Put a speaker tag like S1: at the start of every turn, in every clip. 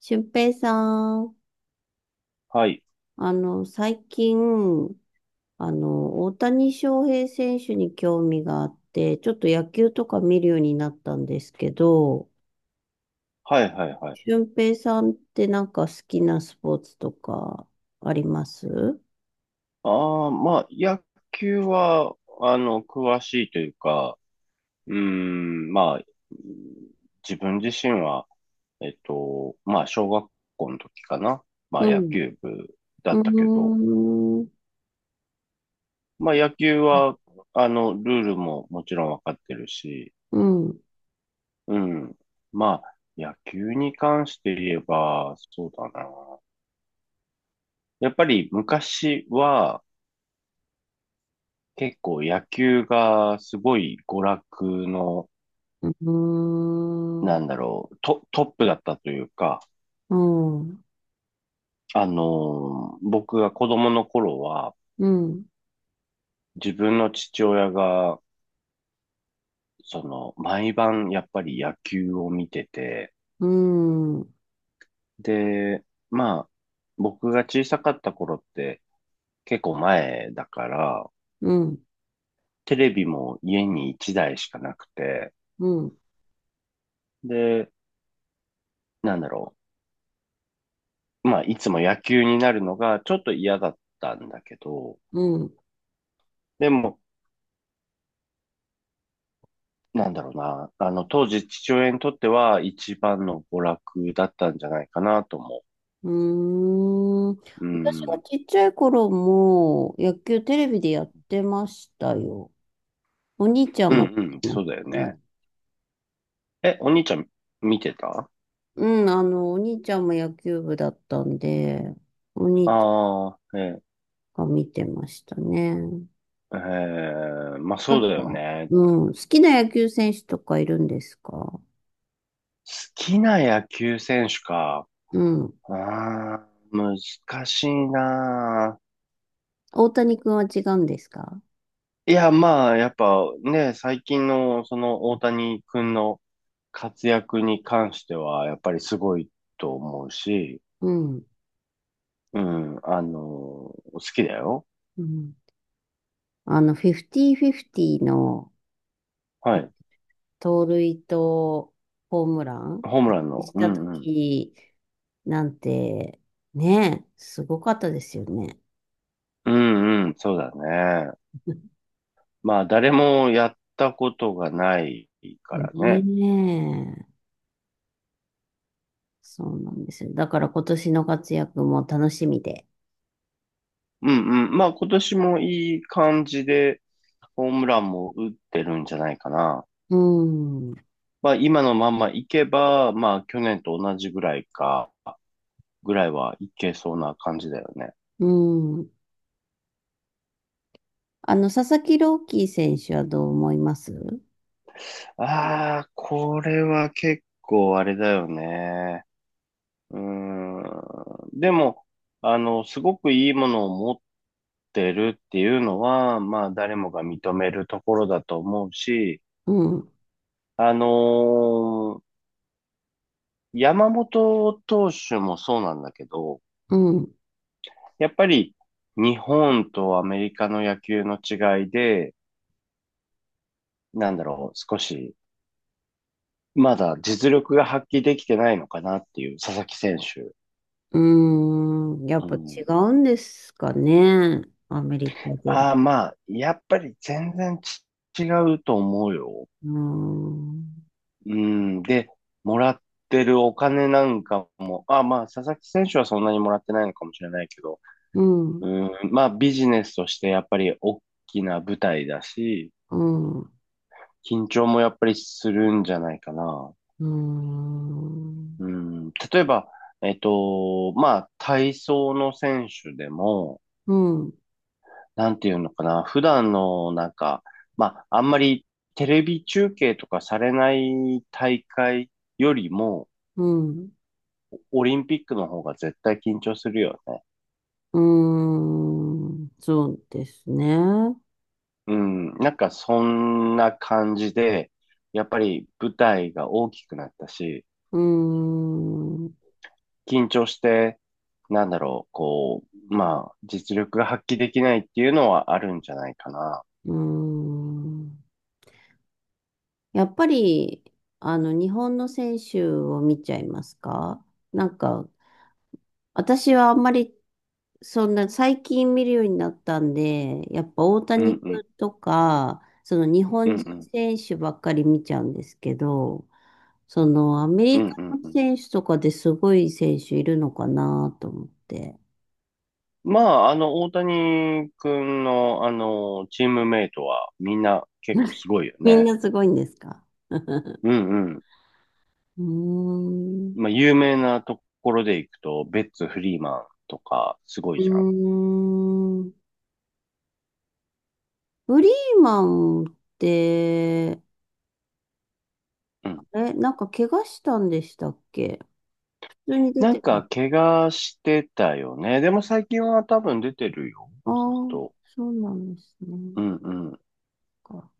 S1: 俊平さん、
S2: はい。
S1: 最近、大谷翔平選手に興味があって、ちょっと野球とか見るようになったんですけど、
S2: はいはいはい。
S1: 俊平さんってなんか好きなスポーツとかありますう
S2: ああ、まあ、野球は、詳しいというか、うーん、まあ、自分自身は、まあ、小学校の時かな。まあ、野
S1: ん。
S2: 球部だ
S1: う
S2: ったけど、
S1: ーん。
S2: まあ、野球は、ルールももちろんわかってるし、
S1: うん。
S2: うん。まあ、野球に関して言えば、そうだな。やっぱり昔は、結構野球がすごい娯楽の、
S1: うー
S2: な
S1: ん。
S2: んだろう、トップだったというか、
S1: うん。
S2: あの僕が子供の頃は、
S1: うん。
S2: 自分の父親が、毎晩やっぱり野球を見てて、
S1: うん。うん。
S2: で、まあ、僕が小さかった頃って結構前だから、
S1: う
S2: テレビも家に1台しかなくて、
S1: ん。
S2: で、なんだろう、まあ、いつも野球になるのがちょっと嫌だったんだけど、
S1: うん。
S2: でも、なんだろうな。当時父親にとっては一番の娯楽だったんじゃないかなと思
S1: うーん。
S2: う。う
S1: 私が
S2: ん。
S1: ちっちゃい頃も野球テレビでやってましたよ。お兄ちゃ
S2: う
S1: んがやっ
S2: んう
S1: て
S2: ん、
S1: ま
S2: そう
S1: し
S2: だよ
S1: たね。
S2: ね。え、お兄ちゃん見てた？
S1: うん、お兄ちゃんも野球部だったんで、お兄ち
S2: ああー、え、
S1: ゃんが見てましたね。
S2: まあ
S1: な
S2: そ
S1: ん
S2: う
S1: か、
S2: だよね。
S1: うん、好きな野球選手とかいるんですか
S2: 好きな野球選手か。
S1: うん。
S2: ああ、難しいな。
S1: 大谷君は違うんですか
S2: いや、まあ、やっぱね、最近のその大谷君の活躍に関しては、やっぱりすごいと思うし、
S1: うん。
S2: うん、好きだよ。
S1: うん。あの、フィフティフィフティの
S2: はい。
S1: 盗塁とホームラン
S2: ホームランの。
S1: し
S2: う
S1: たと
S2: んうん。
S1: きなんて、ねすごかったですよね。
S2: うんうん、そうだね。まあ、誰もやったことがないか
S1: ね
S2: らね。
S1: え、そうなんですよ。だから今年の活躍も楽しみで。
S2: うんうん。まあ、今年もいい感じで、ホームランも打ってるんじゃないかな。
S1: うん、
S2: まあ、今のまんまいけば、まあ、去年と同じぐらいか、ぐらいはいけそうな感じだよね。
S1: うん。あの、佐々木朗希選手はどう思います
S2: ああ、これは結構あれだよね。うん。でも、すごくいいものを持ってるっていうのは、まあ、誰もが認めるところだと思うし、
S1: うん、
S2: あのー山本投手もそうなんだけど、
S1: うん、
S2: やっぱり日本とアメリカの野球の違いで、なんだろう、少し、まだ実力が発揮できてないのかなっていう、佐々木選手。
S1: うん。やっ
S2: う
S1: ぱ違
S2: ん。
S1: うんですかね。アメリカで。
S2: ああ、まあ、やっぱり全然違うと思うよ。
S1: うん、
S2: うん。で、もらってるお金なんかも、あ、まあ、佐々木選手はそんなにもらってないのかもしれないけど、
S1: うん、
S2: うん、まあ、ビジネスとしてやっぱり大きな舞台だし、
S1: うん。
S2: 緊張もやっぱりするんじゃないかな。
S1: うーん。
S2: うん、例えば、まあ、体操の選手でも、
S1: うん。
S2: なんていうのかな、普段のなんか、まあ、あんまりテレビ中継とかされない大会よりも、
S1: うん。
S2: オリンピックの方が絶対緊張するよね。
S1: うーん。そうですね。
S2: うん、なんかそんな感じで、やっぱり舞台が大きくなったし、
S1: うーん。う
S2: 緊張して、なんだろう、こう、まあ、実力が発揮できないっていうのはあるんじゃないかな。
S1: ーん。やっぱり、あの、日本の選手を見ちゃいますかなんか、私はあんまり、そんな、最近見るようになったんで、やっぱ大
S2: う
S1: 谷
S2: んうん、
S1: 君とか、その日
S2: う
S1: 本
S2: ん
S1: 人
S2: うん、
S1: 選手ばっかり見ちゃうんですけど、その、アメ
S2: うん
S1: リカ
S2: うん
S1: の
S2: うん。
S1: 選手とかですごい選手いるのかなと思って。
S2: まあ、大谷君の、チームメイトはみんな結構す ごいよ
S1: みん
S2: ね。
S1: なすごいんですか
S2: うんうん。
S1: ーん。
S2: まあ、有名なところで行くと、ベッツ・フリーマンとか、すご
S1: う
S2: いじゃん。
S1: ーん。フリーマンって、
S2: うん
S1: なんか怪我したんでしたっけ普通に出
S2: なん
S1: てま
S2: か、
S1: す。
S2: 怪我してたよね。でも最近は多分出てるよ。
S1: あ
S2: ずっ
S1: あ、
S2: と。
S1: そうなんですね。
S2: うんうん。
S1: か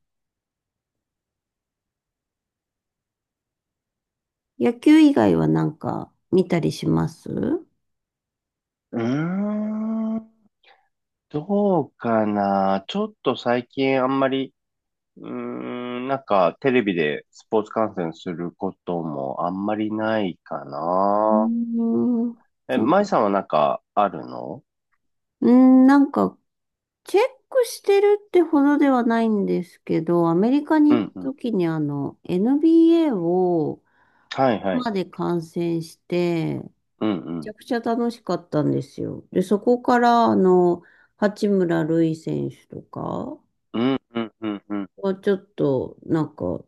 S1: 野球以外はなんか見たりしますう
S2: うーん。どうかな。ちょっと最近あんまり、うーん、なんかテレビでスポーツ観戦することもあんまりないか
S1: ー
S2: な。
S1: ん。
S2: え、
S1: そう
S2: 舞さんはなんかあるの？
S1: うーん、なんかチェックしてるってほどではないんですけど、アメリカ
S2: う
S1: に行っ
S2: ん
S1: た
S2: うん。
S1: 時にあの、NBA を
S2: はいはい。
S1: 生で観戦して、め
S2: う
S1: ち
S2: ん
S1: ゃくちゃ楽しかったんですよ。で、そこからあの、八村塁選手とか
S2: うん。うんうんうんうん。
S1: はちょっとなんか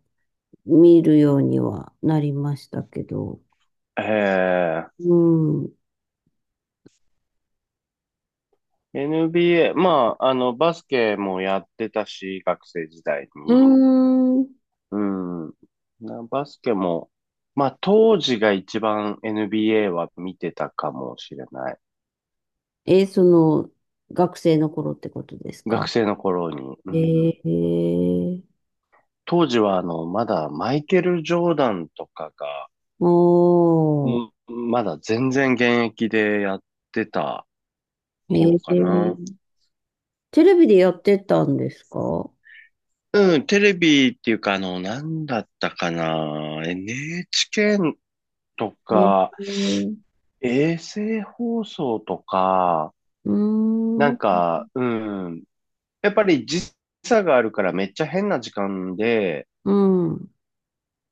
S1: 見るようにはなりましたけど、
S2: え
S1: うん。う
S2: ー、NBA、まあ、バスケもやってたし、学生時代
S1: ー
S2: に。
S1: ん。
S2: うん。なバスケも、まあ当時が一番 NBA は見てたかもしれない。
S1: え、その、学生の頃ってことです
S2: 学
S1: か
S2: 生の頃に。うん。
S1: えー、
S2: 当時はまだマイケル・ジョーダンとかが、
S1: おー。
S2: うんまだ全然現役でやってた
S1: え
S2: 頃かな。
S1: ー、テレビでやってたんですか
S2: うん、テレビっていうかなんだったかな。NHK と
S1: えー、
S2: か、衛星放送とか、
S1: うー
S2: な
S1: ん、う
S2: ん
S1: ん、
S2: か、うん、やっぱり時差があるからめっちゃ変な時間で、
S1: うん、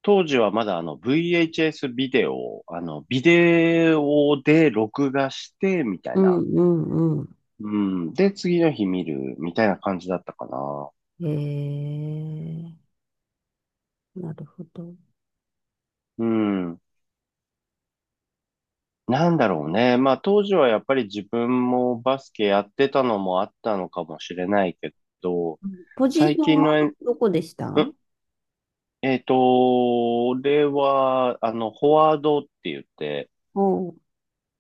S2: 当時はまだあの VHS ビデオ、あのビデオで録画してみた
S1: う
S2: いな。
S1: ん、うん。
S2: うん。で、次の日見るみたいな感じだったかな。
S1: えー、なるほど。
S2: うん。なんだろうね。まあ当時はやっぱり自分もバスケやってたのもあったのかもしれないけど、
S1: ポジシ
S2: 最
S1: ョン
S2: 近
S1: は
S2: の
S1: どこでし
S2: う
S1: た
S2: ん俺は、フォワードって言って、
S1: おう。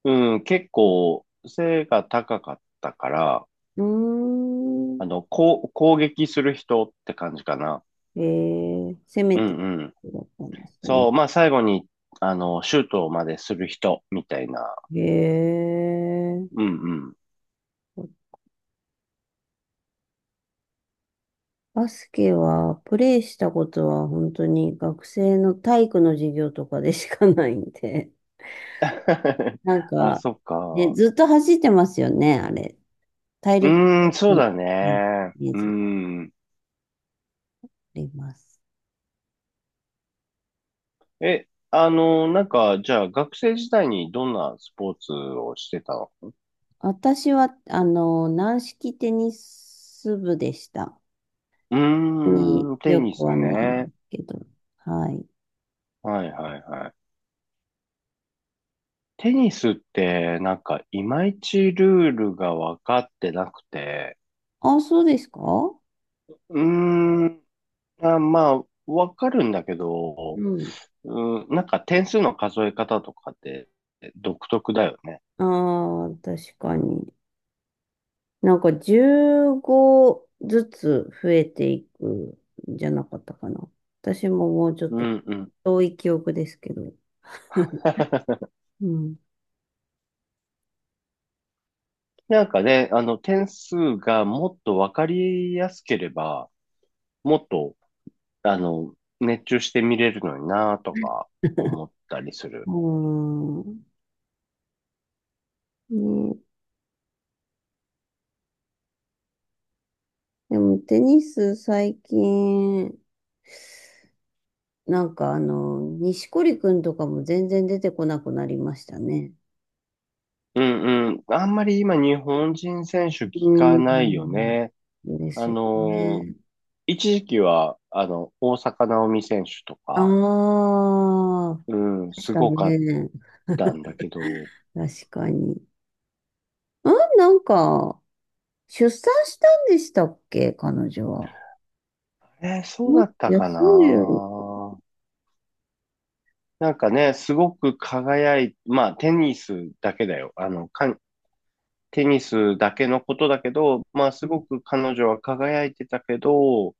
S2: うん、結構背が高かったから、
S1: うーん、
S2: こう、攻撃する人って感じかな。
S1: えー、攻め
S2: う
S1: て
S2: んうん。
S1: だったんですね。
S2: そう、まあ最後に、シュートまでする人みたいな。
S1: え
S2: うん
S1: ー、
S2: うん。
S1: バスケはプレイしたことは本当に学生の体育の授業とかでしかないんで。なん
S2: あ、
S1: か、
S2: そっ
S1: ね、
S2: か。
S1: ずっと走ってますよね、あれ。体
S2: う
S1: 力
S2: ーん、
S1: 勝
S2: そう
S1: 負
S2: だ
S1: の
S2: ね。
S1: イメー
S2: う
S1: ジがあ
S2: ん。
S1: ります。
S2: え、なんか、じゃあ学生時代にどんなスポーツをしてたの？
S1: 私は、あの、軟式テニス部でした。
S2: う
S1: に
S2: ーん、テ
S1: 強
S2: ニ
S1: く
S2: ス
S1: はないんで
S2: ね。
S1: すけど。はい。
S2: はいはいはい。テニスってなんかいまいちルールが分かってなくて、
S1: あ、そうですか
S2: うーん、あ、まあ、分かるんだけ
S1: う
S2: ど、
S1: ん。
S2: うん、なんか点数の数え方とかって独特だよね。
S1: ああ、確かに。なんか15ずつ増えていくんじゃなかったかな。私ももうちょっ
S2: う
S1: と
S2: んうん。
S1: 遠い記憶ですけど。うん。
S2: なんかね、あの点数がもっと分かりやすければ、もっと、あの、熱中して見れるのになとか思ったりす
S1: う
S2: る。
S1: ーん。ね、でもテニス最近、なんかあの、錦織くんとかも全然出てこなくなりましたね。
S2: うんうん。あんまり今日本人選手聞
S1: うー
S2: かないよ
S1: ん。
S2: ね。
S1: で
S2: あ
S1: すよ
S2: のー
S1: ね。
S2: 一時期は、大坂なおみ選手とか、
S1: ああ、
S2: うん、
S1: でし
S2: す
S1: た
S2: ごかっ
S1: ね。
S2: たんだけど、
S1: 確かに。あ、なんか、出産したんでしたっけ彼女は。
S2: えーそう
S1: う
S2: だ
S1: ん
S2: ったか
S1: 休んでる。
S2: な。なんかね、すごくまあ、テニスだけだよ。テニスだけのことだけど、まあ、すごく彼女は輝いてたけど、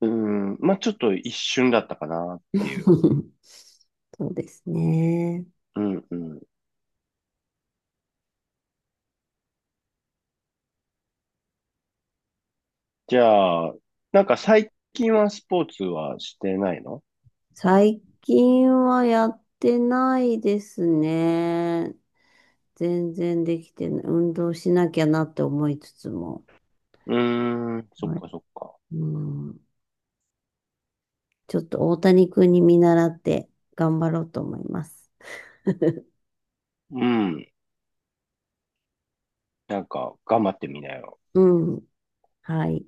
S2: うん、まあ、ちょっと一瞬だったかなっていう。
S1: そうですね。
S2: うんうん。じゃあ、なんか最近はスポーツはしてないの？
S1: 最近はやってないですね。全然できてない。運動しなきゃなって思いつつも。
S2: うーん、そっ
S1: はい、
S2: かそっか。
S1: うん、ちょっと大谷君に見習って頑張ろうと思います。
S2: うん。なんか、頑張ってみなよ。
S1: うん。はい。